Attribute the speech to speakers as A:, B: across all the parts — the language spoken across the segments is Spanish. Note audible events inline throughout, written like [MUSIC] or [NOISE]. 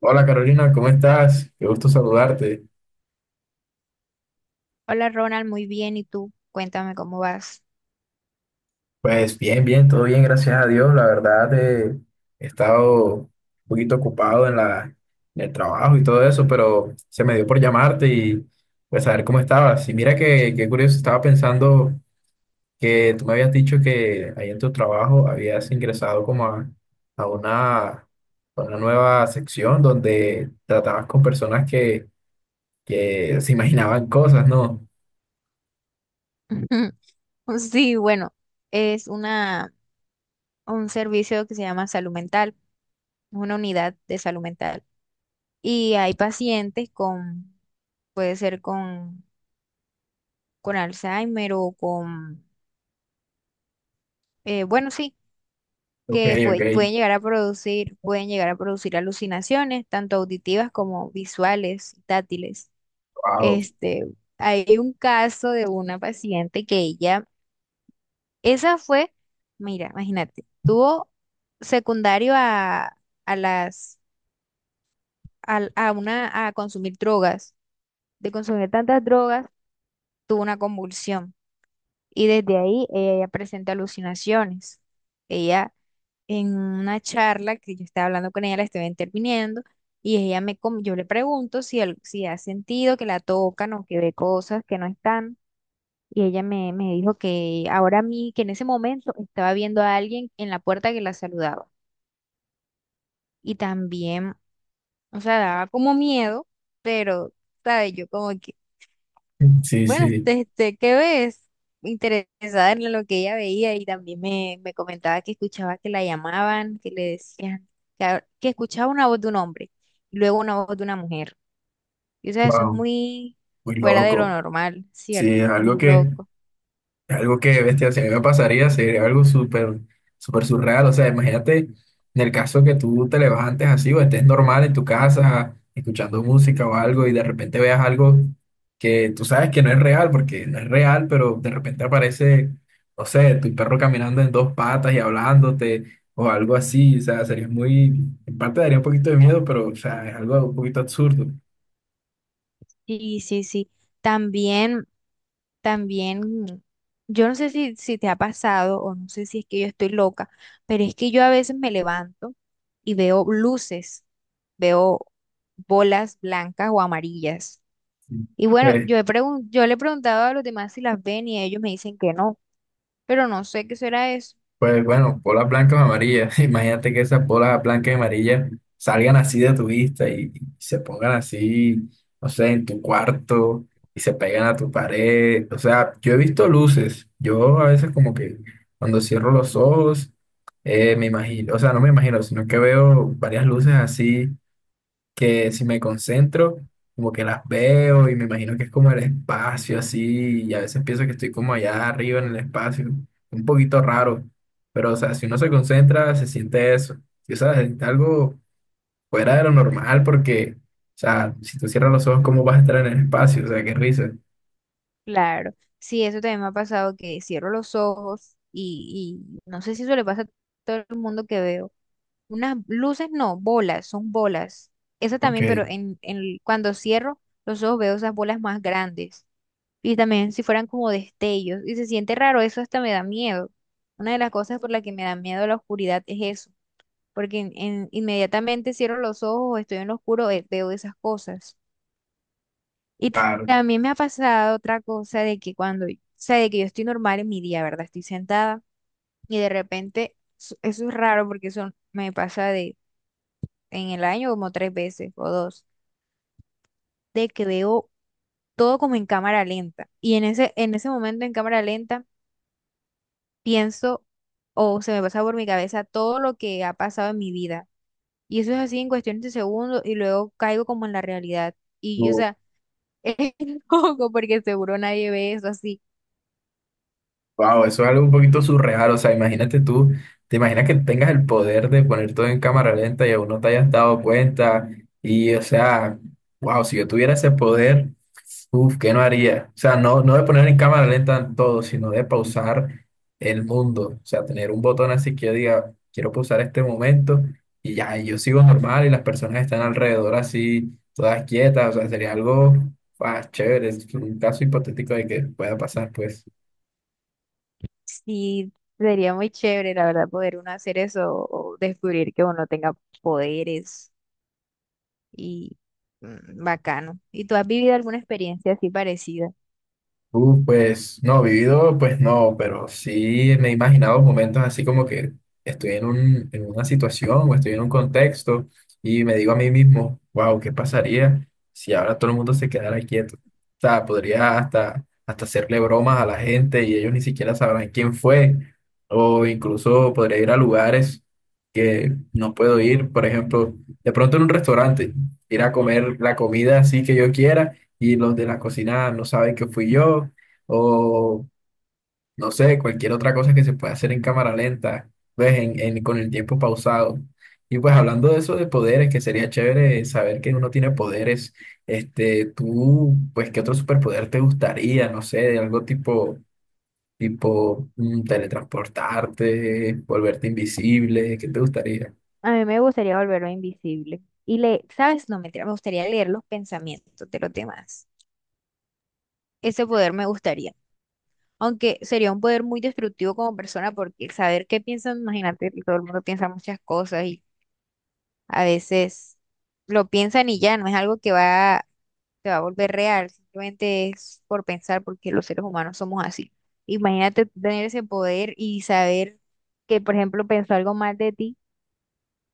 A: Hola Carolina, ¿cómo estás? Qué gusto saludarte.
B: Hola Ronald, muy bien. ¿Y tú? Cuéntame cómo vas.
A: Pues bien, todo bien, gracias a Dios. La verdad, he estado un poquito ocupado en el trabajo y todo eso, pero se me dio por llamarte y pues saber cómo estabas. Y mira qué curioso, estaba pensando que tú me habías dicho que ahí en tu trabajo habías ingresado como a una nueva sección donde tratabas con personas que se imaginaban cosas, ¿no?
B: [LAUGHS] Sí, bueno, es una, un servicio que se llama salud mental, una unidad de salud mental. Y hay pacientes con, puede ser con Alzheimer o con, bueno, sí,
A: Ok,
B: que
A: ok.
B: pueden llegar a producir, pueden llegar a producir alucinaciones, tanto auditivas como visuales, táctiles.
A: Wow.
B: Este, hay un caso de una paciente que ella. Esa fue, mira, imagínate, tuvo secundario a las, a consumir drogas. De consumir tantas drogas, tuvo una convulsión. Y desde ahí ella ya presenta alucinaciones. Ella, en una charla que yo estaba hablando con ella, la estaba interviniendo, y ella me, yo le pregunto si, si ha sentido que la tocan o que ve cosas que no están. Y ella me, me dijo que ahora a mí, que en ese momento estaba viendo a alguien en la puerta que la saludaba. Y también, o sea, daba como miedo, pero, ¿sabes? Yo como que,
A: Sí,
B: bueno,
A: sí,
B: este, ¿qué ves? Interesada en lo que ella veía y también me comentaba que escuchaba que la llamaban, que le decían, que, que escuchaba una voz de un hombre y luego una voz de una mujer. Y o sea, eso es
A: wow,
B: muy
A: muy
B: fuera de lo
A: loco.
B: normal, ¿cierto?
A: Sí, es algo
B: Muy loco.
A: es algo que, bestia, si a mí me pasaría, sería algo súper surreal. O sea, imagínate en el caso que tú te levantes así o estés normal en tu casa escuchando música o algo y de repente veas algo que tú sabes que no es real, porque no es real, pero de repente aparece, no sé, tu perro caminando en dos patas y hablándote o algo así. O sea, sería muy, en parte daría un poquito de miedo, pero, o sea, es algo un poquito absurdo.
B: Sí, sí, sí. También, también, yo no sé si, si te ha pasado o no sé si es que yo estoy loca, pero es que yo a veces me levanto y veo luces, veo bolas blancas o amarillas.
A: Sí.
B: Y bueno,
A: Pues.
B: yo le he preguntado a los demás si las ven y ellos me dicen que no, pero no sé qué será eso.
A: Pues bueno, bolas blancas o amarillas. [LAUGHS] Imagínate que esas bolas blancas y amarillas salgan así de tu vista y se pongan así, no sé, en tu cuarto y se pegan a tu pared. O sea, yo he visto luces. Yo a veces como que cuando cierro los ojos, me imagino, o sea, no me imagino, sino que veo varias luces así que si me concentro, como que las veo y me imagino que es como el espacio así, y a veces pienso que estoy como allá arriba en el espacio, un poquito raro, pero o sea, si uno se concentra, se siente eso, o sea, se siente algo fuera de lo normal porque, o sea, si tú cierras los ojos, ¿cómo vas a estar en el espacio? O sea, qué risa.
B: Claro, sí, eso también me ha pasado que cierro los ojos y no sé si eso le pasa a todo el mundo, que veo unas luces, no, bolas, son bolas. Esa
A: Ok,
B: también, pero cuando cierro los ojos veo esas bolas más grandes. Y también si fueran como destellos. Y se siente raro, eso hasta me da miedo. Una de las cosas por la que me da miedo la oscuridad es eso. Porque inmediatamente cierro los ojos, estoy en lo oscuro, veo esas cosas. Y
A: claro.
B: también me ha pasado otra cosa de que cuando, o sea, de que yo estoy normal en mi día, ¿verdad? Estoy sentada y de repente, eso es raro porque eso me pasa de en el año como tres veces o dos, de que veo todo como en cámara lenta. Y en ese momento en cámara lenta pienso o se me pasa por mi cabeza todo lo que ha pasado en mi vida. Y eso es así en cuestiones de segundos y luego caigo como en la realidad. Y, o sea, [LAUGHS] es loco porque seguro nadie ve eso así.
A: Wow, eso es algo un poquito surreal. O sea, imagínate tú, te imaginas que tengas el poder de poner todo en cámara lenta y aún no te hayas dado cuenta. Y, o sea, wow, si yo tuviera ese poder, uf, ¿qué no haría? O sea, no de poner en cámara lenta todo, sino de pausar el mundo. O sea, tener un botón así que yo diga, quiero pausar este momento y ya, y yo sigo normal y las personas están alrededor así, todas quietas. O sea, sería algo, ah, chévere. Es un caso hipotético de que pueda pasar, pues.
B: Sí, sería muy chévere, la verdad, poder uno hacer eso o descubrir que uno tenga poderes y mm, bacano. ¿Y tú has vivido alguna experiencia así parecida?
A: Pues no, vivido, pues no, pero sí me he imaginado momentos así como que estoy en una situación o estoy en un contexto y me digo a mí mismo, wow, ¿qué pasaría si ahora todo el mundo se quedara quieto? O sea, podría hasta hacerle bromas a la gente y ellos ni siquiera sabrán quién fue, o incluso podría ir a lugares que no puedo ir, por ejemplo, de pronto en un restaurante, ir a comer la comida así que yo quiera y los de la cocina no saben que fui yo, o no sé, cualquier otra cosa que se pueda hacer en cámara lenta, pues con el tiempo pausado. Y pues hablando de eso de poderes, que sería chévere saber que uno tiene poderes, este, tú, pues, ¿qué otro superpoder te gustaría? No sé, de tipo mm, teletransportarte, volverte invisible, ¿qué te gustaría?
B: A mí me gustaría volverlo invisible. Y le, ¿sabes? No, mentira, me gustaría leer los pensamientos de los demás. Ese poder me gustaría. Aunque sería un poder muy destructivo como persona, porque el saber qué piensan, imagínate, todo el mundo piensa muchas cosas y a veces lo piensan y ya, no es algo que va, te va a volver real, simplemente es por pensar, porque los seres humanos somos así. Imagínate tener ese poder y saber que, por ejemplo, pensó algo mal de ti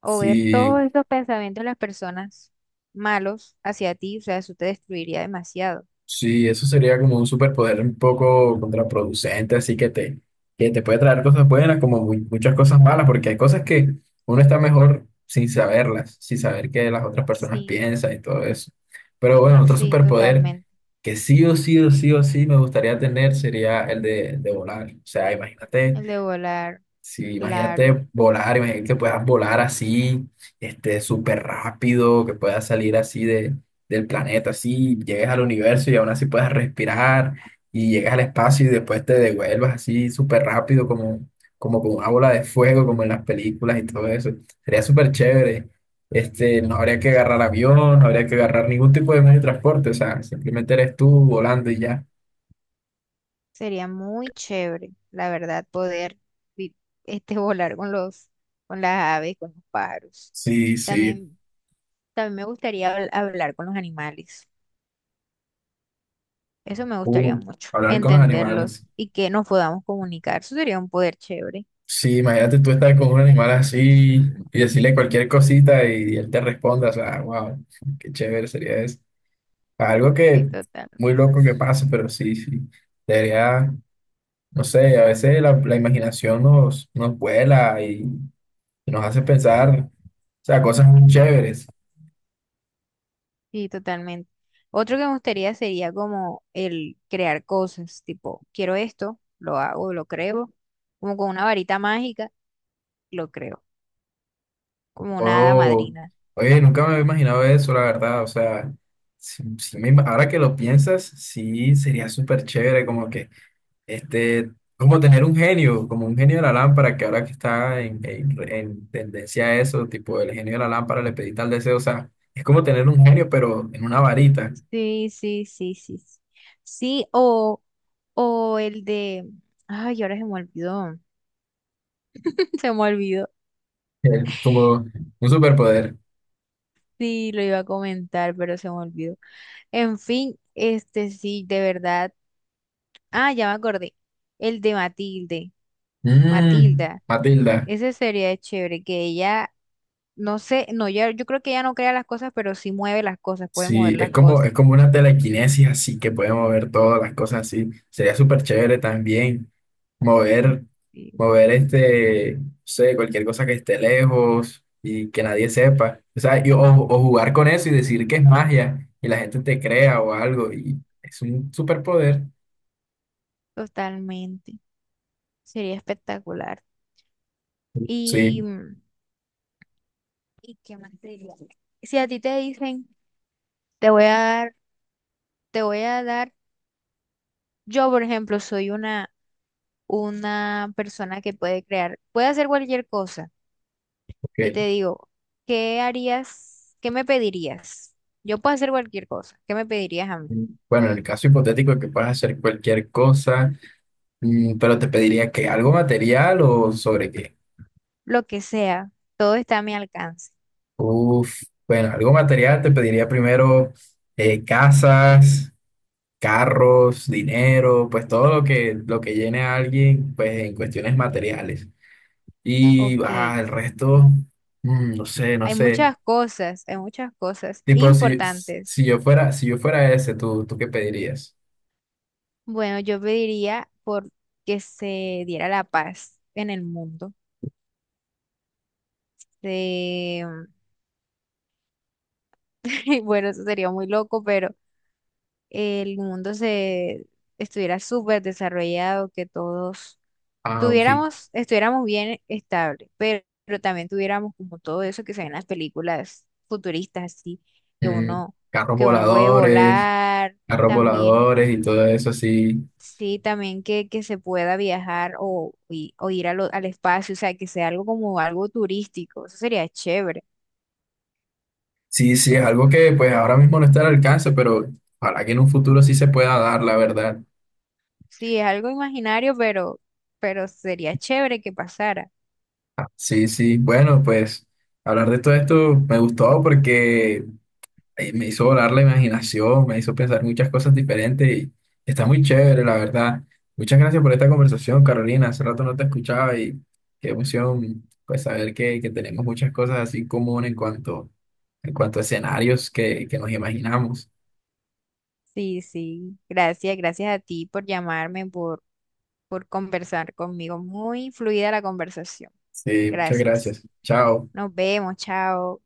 B: o ver
A: Sí,
B: todos estos pensamientos de las personas malos hacia ti, o sea, eso te destruiría demasiado.
A: sí, eso sería como un superpoder un poco contraproducente, así que que te puede traer cosas buenas como muchas cosas malas, porque hay cosas que uno está mejor sin saberlas, sin saber qué las otras personas
B: Sí,
A: piensan y todo eso. Pero bueno, otro
B: sí,
A: superpoder
B: totalmente.
A: que sí o sí o sí o sí me gustaría tener sería el de volar. O sea, imagínate.
B: El de volar,
A: Sí,
B: claro,
A: imagínate volar, imagínate que puedas volar así, este, súper rápido, que puedas salir así del planeta, así, llegues al universo y aún así puedas respirar y llegas al espacio y después te devuelvas así súper rápido como con una bola de fuego, como en las películas y todo eso. Sería súper chévere. Este, no habría que agarrar avión, no habría que agarrar ningún tipo de medio de transporte, o sea, simplemente eres tú volando y ya.
B: sería muy chévere, la verdad, poder vi- este, [LAUGHS] volar con los, con las aves, con los pájaros.
A: Sí, sí.
B: También, también me gustaría hablar con los animales. Eso me
A: Uh,
B: gustaría mucho,
A: hablar con los
B: entenderlos
A: animales.
B: y que nos podamos comunicar. Eso sería un poder chévere.
A: Sí, imagínate tú estar con un animal así
B: Mm.
A: y decirle cualquier cosita él te responda, o sea, wow, qué chévere sería eso. Algo
B: Sí,
A: que
B: total.
A: muy loco que pase, pero sí, sí, debería, no sé, a veces la imaginación nos vuela y nos hace pensar, o sea, cosas muy chéveres.
B: Sí, totalmente. Otro que me gustaría sería como el crear cosas, tipo, quiero esto, lo hago, lo creo, como con una varita mágica, lo creo, como una hada
A: Oh,
B: madrina.
A: oye, nunca me había imaginado eso, la verdad, o sea, ahora que lo piensas, sí, sería súper chévere, como que este, como tener un genio, como un genio de la lámpara, que ahora que está en tendencia a eso, tipo el genio de la lámpara le pedí tal deseo, o sea, es como tener un genio, pero en una varita,
B: Sí, sí, sí, sí. Sí, sí, o el de, ay, ahora se me olvidó, [LAUGHS] se me olvidó.
A: el- como un superpoder.
B: Sí, lo iba a comentar, pero se me olvidó. En fin, este sí, de verdad. Ah, ya me acordé. El de Matilde,
A: Mm,
B: Matilda.
A: Matilda.
B: Ese sería chévere, que ella. No sé, no, ya, yo creo que ella no crea las cosas, pero sí mueve las cosas, puede mover
A: Sí,
B: las cosas.
A: es como una telequinesis así que puede mover todas las cosas así. Sería súper chévere también mover,
B: Sí,
A: mover este, no sé, cualquier cosa que esté lejos y que nadie sepa. O sea, o jugar con eso y decir que es magia y la gente te crea o algo y es un superpoder.
B: totalmente. Sería espectacular. Y,
A: Sí,
B: mm, ¿y qué más te diría? Si a ti te dicen, te voy a dar, te voy a dar, yo por ejemplo soy una persona que puede crear, puede hacer cualquier cosa. Y
A: ok.
B: te digo, ¿qué harías? ¿Qué me pedirías? Yo puedo hacer cualquier cosa. ¿Qué me pedirías a mí?
A: Bueno, en el caso hipotético de que puedas hacer cualquier cosa, mm, pero te pediría que algo material o sobre qué.
B: Lo que sea, todo está a mi alcance.
A: Uf, bueno, algo material te pediría primero casas, carros, dinero, pues todo lo lo que llene a alguien, pues en cuestiones materiales. Y ah,
B: Ok.
A: el resto, mm, no sé, no sé.
B: Hay muchas cosas
A: Tipo, si
B: importantes.
A: yo fuera, si yo fuera ese, tú qué pedirías?
B: Bueno, yo pediría por que se diera la paz en el mundo. Eh, [LAUGHS] y bueno, eso sería muy loco, pero el mundo se estuviera súper desarrollado, que todos
A: Ah, ok.
B: tuviéramos, estuviéramos bien estable, pero también tuviéramos como todo eso que se ve en las películas futuristas, así, que
A: Mm,
B: uno,
A: carros
B: que uno puede
A: voladores,
B: volar,
A: carros
B: también.
A: voladores y todo eso, sí.
B: Sí, también que se pueda viajar o, o ir a al espacio, o sea, que sea algo como algo turístico, eso sería chévere.
A: Sí, sí, es algo que pues ahora mismo no está al alcance, pero ojalá que en un futuro sí se pueda dar, la verdad.
B: Sí, es algo imaginario, pero sería chévere que pasara.
A: Sí, sí, bueno, pues hablar de todo esto me gustó porque me hizo volar la imaginación, me hizo pensar muchas cosas diferentes y está muy chévere, la verdad. Muchas gracias por esta conversación, Carolina. Hace rato no te escuchaba y qué emoción, pues saber que tenemos muchas cosas así en común en cuanto a escenarios que nos imaginamos.
B: Sí, sí, gracias, gracias a ti por llamarme, por conversar conmigo. Muy fluida la conversación.
A: Sí, muchas
B: Gracias.
A: gracias. Chao.
B: Nos vemos, chao.